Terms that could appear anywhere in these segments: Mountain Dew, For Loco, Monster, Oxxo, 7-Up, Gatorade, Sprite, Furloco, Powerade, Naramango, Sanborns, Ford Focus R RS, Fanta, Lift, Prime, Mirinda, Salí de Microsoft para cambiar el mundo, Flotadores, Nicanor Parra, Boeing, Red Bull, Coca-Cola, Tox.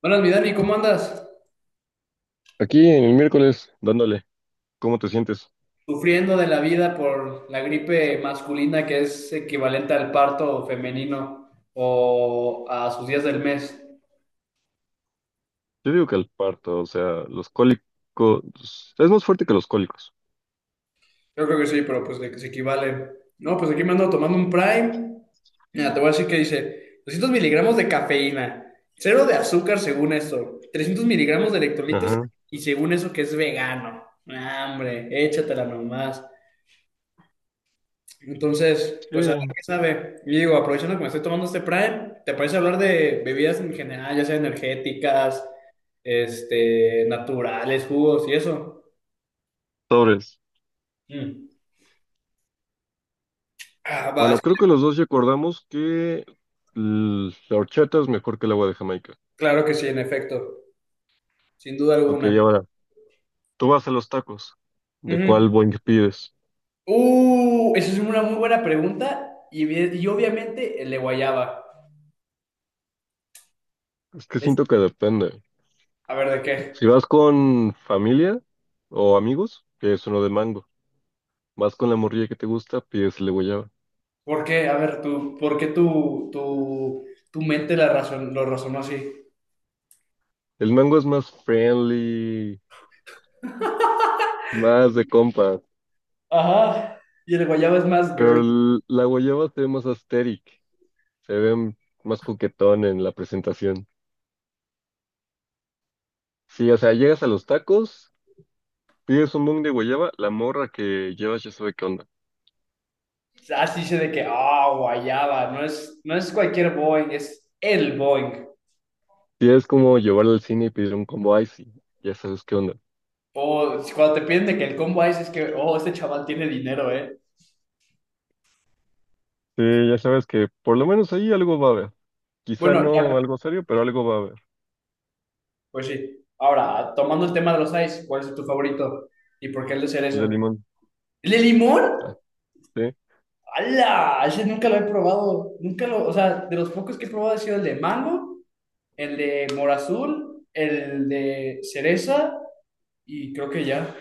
Buenas, mi Dani, ¿cómo andas? Aquí en el miércoles, dándole, ¿cómo te sientes? Sufriendo de la vida por la gripe masculina que es equivalente al parto femenino o a sus días del mes. Yo digo que el parto, o sea, los cólicos, es más fuerte que los cólicos. Yo creo que sí, pero pues de que se equivalen. No, pues aquí me ando tomando un Prime. Mira, te voy a decir que dice 200 miligramos de cafeína, cero de azúcar según esto, 300 miligramos de electrolitos Ajá. y según eso que es vegano. Ah, hombre, échatela nomás. Entonces, pues a ver Sí, qué sabe. Y digo, aprovechando que me estoy tomando este Prime, ¿te parece hablar de bebidas en general, ya sea energéticas, naturales, jugos y eso? sobres. Mm. Ah, va, es Bueno, creo que que los dos ya acordamos que la horchata es mejor que el agua de Jamaica. claro que sí, en efecto, sin duda Ok, y alguna. ahora, tú vas a los tacos, ¿de cuál Ujú. boing pides? Esa es una muy buena pregunta y, bien- y obviamente el de guayaba. Es que Es- siento que depende. A ver, ¿de qué? Si vas con familia o amigos, que es uno de mango. Vas con la morrilla que te gusta, pides el de guayaba. ¿Por qué? A ver, tú, ¿por qué tu mente la razón, lo razonó así? El mango es más friendly, más de compas. Ajá. Y el guayaba es más girl. Pero la guayaba se ve más asteric, se ve más coquetón en la presentación. Sí, o sea, llegas a los tacos, pides un bong de guayaba, la morra que llevas ya sabe qué onda. Así dice de que, ah, guayaba, no es cualquier Boeing, es el Boeing. Sí, es como llevarla al cine y pedir un combo icy, ya sabes qué onda. O si cuando te piden de que el combo ice es que, oh, este chaval tiene dinero, ¿eh? Sí, ya sabes que por lo menos ahí algo va a haber. Quizá Bueno, no ya, algo serio, pero algo va a haber. pues sí. Ahora, tomando el tema de los ice, ¿cuál es tu favorito? ¿Y por qué el de El de cereza? limón. ¿El de limón? Ah, sí. ¡Hala! Ese nunca lo he probado. Nunca lo, o sea, de los pocos que he probado ha sido el de mango, el de mora azul, el de cereza y creo que ya.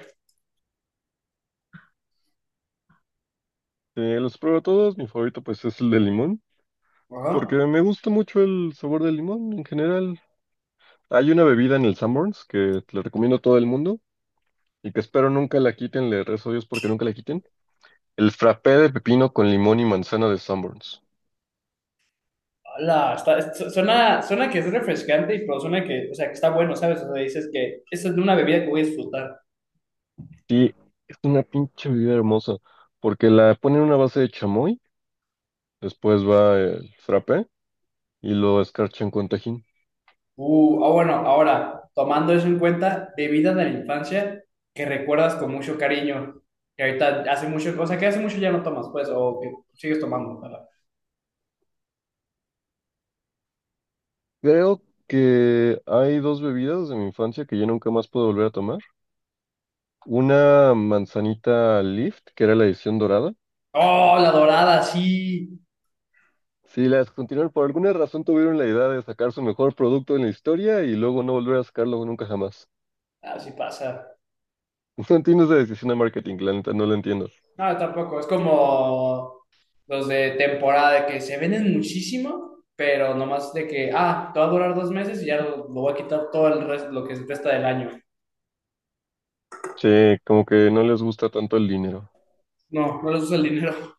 Sí, los pruebo todos, mi favorito pues es el de limón, Ajá. porque me gusta mucho el sabor del limón en general. Hay una bebida en el Sanborns que le recomiendo a todo el mundo y que espero nunca la quiten, le rezo a Dios porque nunca la quiten. El frappé de pepino con limón y manzana de Sanborns. Hola, está, su- suena que es refrescante y pero suena que, o sea, que está bueno, ¿sabes? O sea, dices que esta es una bebida que voy a disfrutar. Sí, es una pinche bebida hermosa porque la ponen en una base de chamoy, después va el frappé y lo escarchan con tajín. Ah, bueno, ahora, tomando eso en cuenta, bebida de la infancia que recuerdas con mucho cariño, que ahorita hace mucho, o sea, que hace mucho ya no tomas, pues, o que sigues tomando, ¿verdad? Creo que hay dos bebidas de mi infancia que ya nunca más puedo volver a tomar. Una manzanita Lift, que era la edición dorada. Oh, la dorada, sí. Si las continuaron, por alguna razón tuvieron la idea de sacar su mejor producto en la historia y luego no volver a sacarlo nunca jamás. Ah, sí pasa. No entiendo esa decisión de marketing, la neta, no la entiendo. No, tampoco. Es como los de temporada de que se venden muchísimo, pero nomás de que, ah, te va a durar dos meses y ya lo voy a quitar todo el resto, lo que resta del año. Sí, como que no les gusta tanto el dinero. No, no les uso el dinero.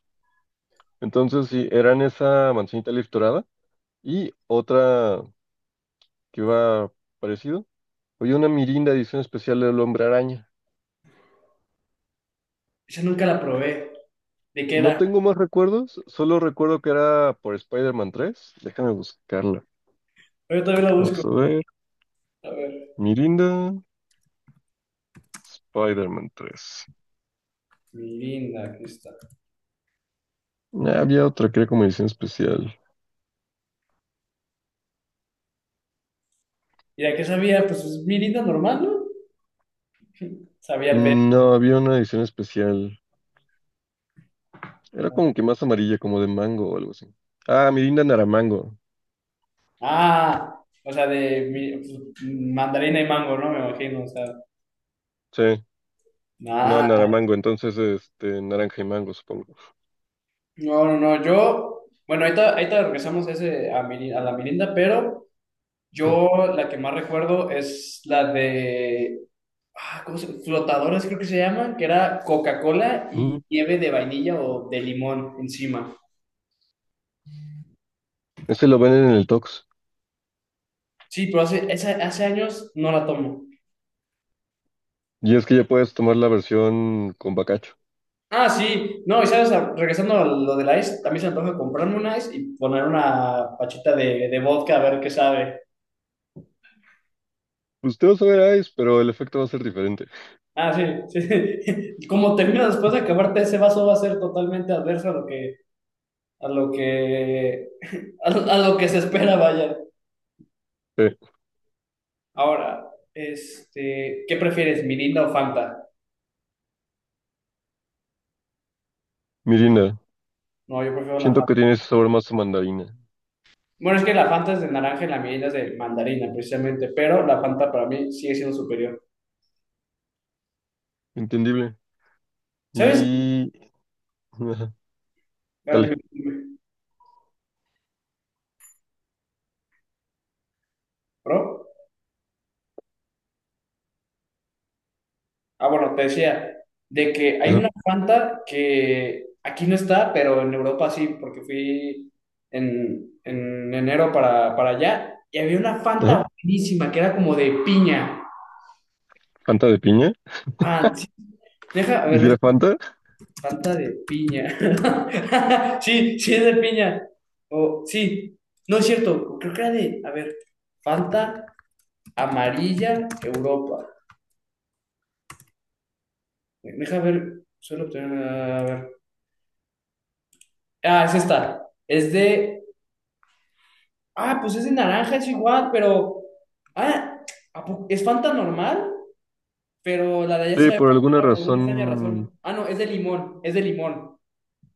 Entonces, sí, eran esa manzanita leaf dorada y otra que iba parecido. Oye, una Mirinda edición especial del Hombre Araña. Esa nunca la probé. ¿De qué No era? tengo más recuerdos, solo recuerdo que era por Spider-Man 3. Déjame buscarla. Yo todavía la busco. Vamos a ver. A ver. Mirinda, Spider-Man 3. Mirinda, aquí está. Ah, había otra que era como edición especial. ¿Y la que sabía? Pues es Mirinda normal, ¿no? Sabía el verbo. No, había una edición especial. Era como que más amarilla, como de mango o algo así. Ah, Mirinda Naramango. Ah, o sea, de mi- pues, mandarina y mango, ¿no? Me imagino, o sea. Sí, no, Ah, Naramango. Entonces, naranja y mango, supongo. no, no, no, yo, bueno, ahorita, ahorita regresamos ese a, Miri- a la Mirinda, pero yo la que más recuerdo es la de, ah, ¿cómo se- Flotadores creo que se llaman, que era Coca-Cola y Ujú. nieve de vainilla o de limón encima. Ese lo venden en el Tox. Sí, pero hace, esa- hace años no la tomo. Y es que ya puedes tomar la versión con bacacho. Ah, sí, no, y sabes, a- regresando a lo del ice, también se me antoja comprarme un ice y poner una pachita de vodka a ver qué sabe. Pues te vas a ver Ice, pero el efecto va a ser diferente. Ah, sí, sí. Como termina después de acabarte ese vaso va a ser totalmente adverso a lo que, a lo que se espera, vaya. Sí, Ahora, ¿qué prefieres, Mirinda o Fanta? Mirinda. No, yo prefiero la Siento que Fanta. tiene ese sabor más a mandarina. Bueno, es que la Fanta es de naranja y la Mirinda es de mandarina, precisamente, pero la Fanta para mí sigue siendo superior. Entendible. ¿Sabes? Y... ajá, A ver, dime, dale. dime, ¿Pro? Ah, bueno, te decía, de que hay Ajá. una Fanta que aquí no está, pero en Europa sí, porque fui en enero para allá y había una Ajá. Fanta buenísima que era como de piña. Fanta de piña. Ah, sí, deja, a ver, deja, ¿Hiciera Fanta? Fanta de piña. Sí, sí es de piña. O sí, no es cierto, creo que era de, a ver, Fanta amarilla Europa. Deja ver, suelo obtener, a ver. Ah, es esta, es de. Ah, pues es de naranja, es igual, pero. Ah, ¿a po- es Fanta normal, pero la de allá Sí, sabe más por alguna buena por una extraña razón, razón. Ah, no, es de limón, es de limón.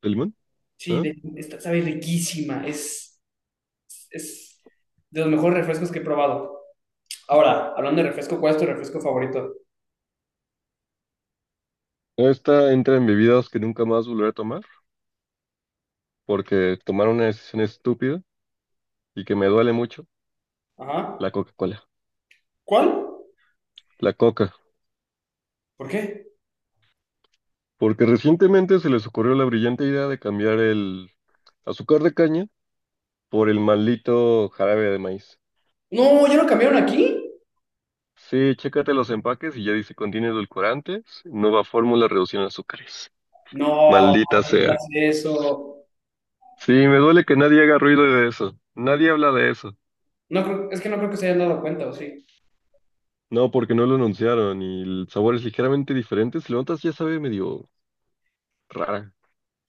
el limón, Sí, ¿eh? de- esta sabe riquísima, es de los mejores refrescos que he probado. Ahora, hablando de refresco, ¿cuál es tu refresco favorito? Esta entra en bebidas que nunca más volveré a tomar, porque tomar una decisión estúpida y que me duele mucho, Ajá. la Coca-Cola, ¿Cuál? la Coca. ¿Por qué? Porque recientemente se les ocurrió la brillante idea de cambiar el azúcar de caña por el maldito jarabe de maíz. No, ¿ya lo cambiaron aquí? Sí, chécate los empaques y ya dice contiene edulcorantes, nueva fórmula reducción de azúcares. No, Maldita no sea. digas eso. Sí, me duele que nadie haga ruido de eso. Nadie habla de eso. No creo, es que no creo que se hayan dado cuenta, ¿o sí? No, porque no lo anunciaron y el sabor es ligeramente diferente. Si lo notas, ya sabe medio rara.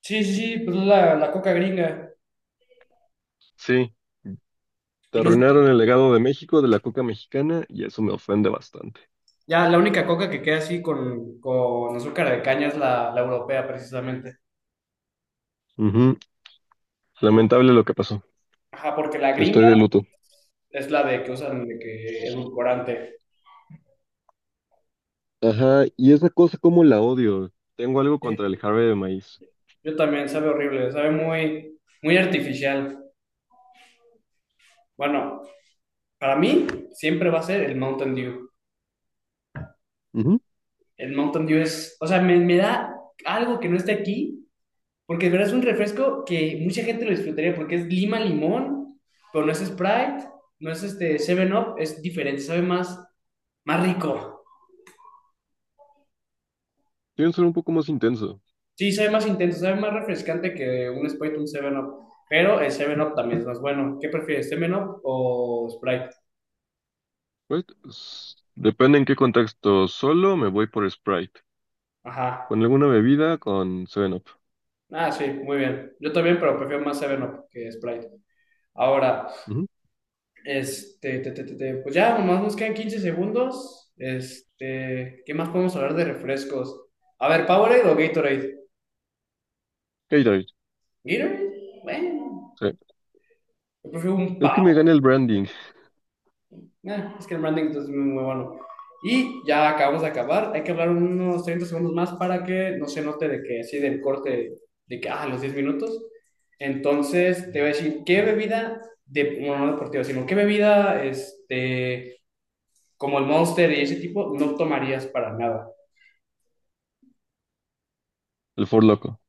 Sí, pues es la coca gringa. Sí, te Y no. arruinaron el legado de México de la coca mexicana y eso me ofende bastante. Ya la única coca que queda así con azúcar de caña es la europea, precisamente. Ujú, Por- lamentable lo que pasó. ajá, porque la gringa Estoy de luto. es la de que usan de que edulcorante. Ajá, y esa cosa como la odio. Tengo algo contra Sí, el jarabe de maíz. yo también, sabe horrible, sabe muy, muy artificial. Bueno, para mí siempre va a ser el Mountain Dew. Ujú, El Mountain Dew es, o sea, me da algo que no esté aquí, porque de verdad es un refresco que mucha gente lo disfrutaría porque es lima limón, pero no es Sprite, no es Seven up es diferente, sabe más, más rico. quieren ser un poco más intenso. Sí, sabe más intenso, sabe más refrescante que un Sprite, un 7-Up. Pero el 7-Up también es más bueno. ¿Qué prefieres, 7-Up o Sprite? Pues, depende en qué contexto. Solo me voy por Sprite. Ajá. Con alguna bebida, con 7-Up. Ah, sí, muy bien. Yo también, pero prefiero más 7-Up que Sprite. Ahora, Ujú, pues ya, nomás nos quedan 15 segundos. ¿Qué más podemos hablar de refrescos? A ver, ¿Powerade o Gatorade? Gatorade, Gatorade, bueno. sí. Yo prefiero un Es que me Powerade. gana el branding, Es que el branding entonces, es muy, bueno. Y ya acabamos de acabar. Hay que hablar unos 30 segundos más para que no se note de que así del corte de que, ah, los 10 minutos. Entonces, te voy a decir, ¿qué bebida, de, bueno, no deportiva, sino qué bebida, como el Monster y ese tipo, no tomarías para nada? el For Loco.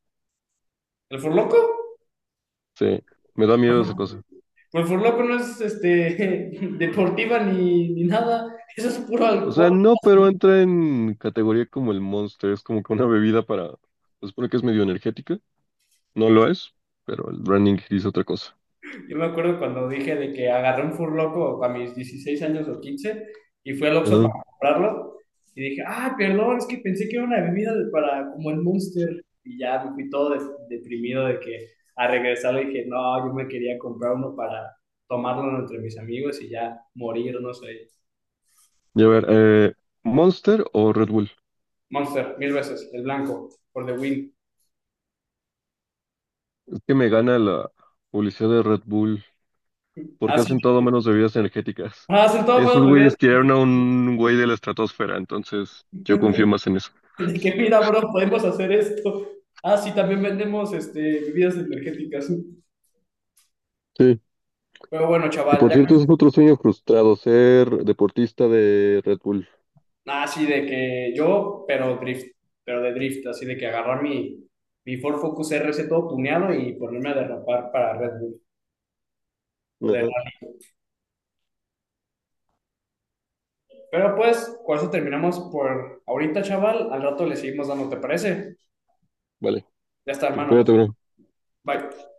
¿El Furloco? Sí, me da miedo esa cosa. Pues el Furloco no es, deportiva ni, ni nada. Eso es puro O sea, alcohol. no, pero entra en categoría como el Monster, es como que una bebida para... Se supone que es medio energética, no lo es, pero el branding dice otra cosa. Yo me acuerdo cuando dije de que agarré un furloco a mis 16 años o 15 y fui al Oxxo Ajá. para comprarlo y dije, ah, perdón, es que pensé que era una bebida de- para como el Monster y ya me fui todo des- deprimido de que a regresar le dije, no, yo me quería comprar uno para tomarlo entre mis amigos y ya morirnos ahí. Y a ver, ¿Monster o Red Bull? Monster, mil veces, el blanco, por the win. Es que me gana la publicidad de Red Bull, porque Así, hacen todo menos bebidas energéticas. hacen todas las Esos bebidas güeyes tiraron a un güey de la estratosfera, entonces yo confío más en eso. de que mira, bro, podemos hacer esto. Ah, sí, también vendemos bebidas energéticas. Sí, Pero bueno, que chaval, por ya cierto ese es con... otro sueño frustrado, ser deportista de Red Bull. Nada, así de que yo, pero drift, pero de drift, así de que agarrar mi, mi Ford Focus R RS todo tuneado y ponerme a derrapar para Red Bull. O de- Ajá. Pero pues, con eso terminamos por ahorita, chaval. Al rato le seguimos dando, ¿te parece? Vale, Ya está, hermano, nos recupérate, bro. vemos. Bye.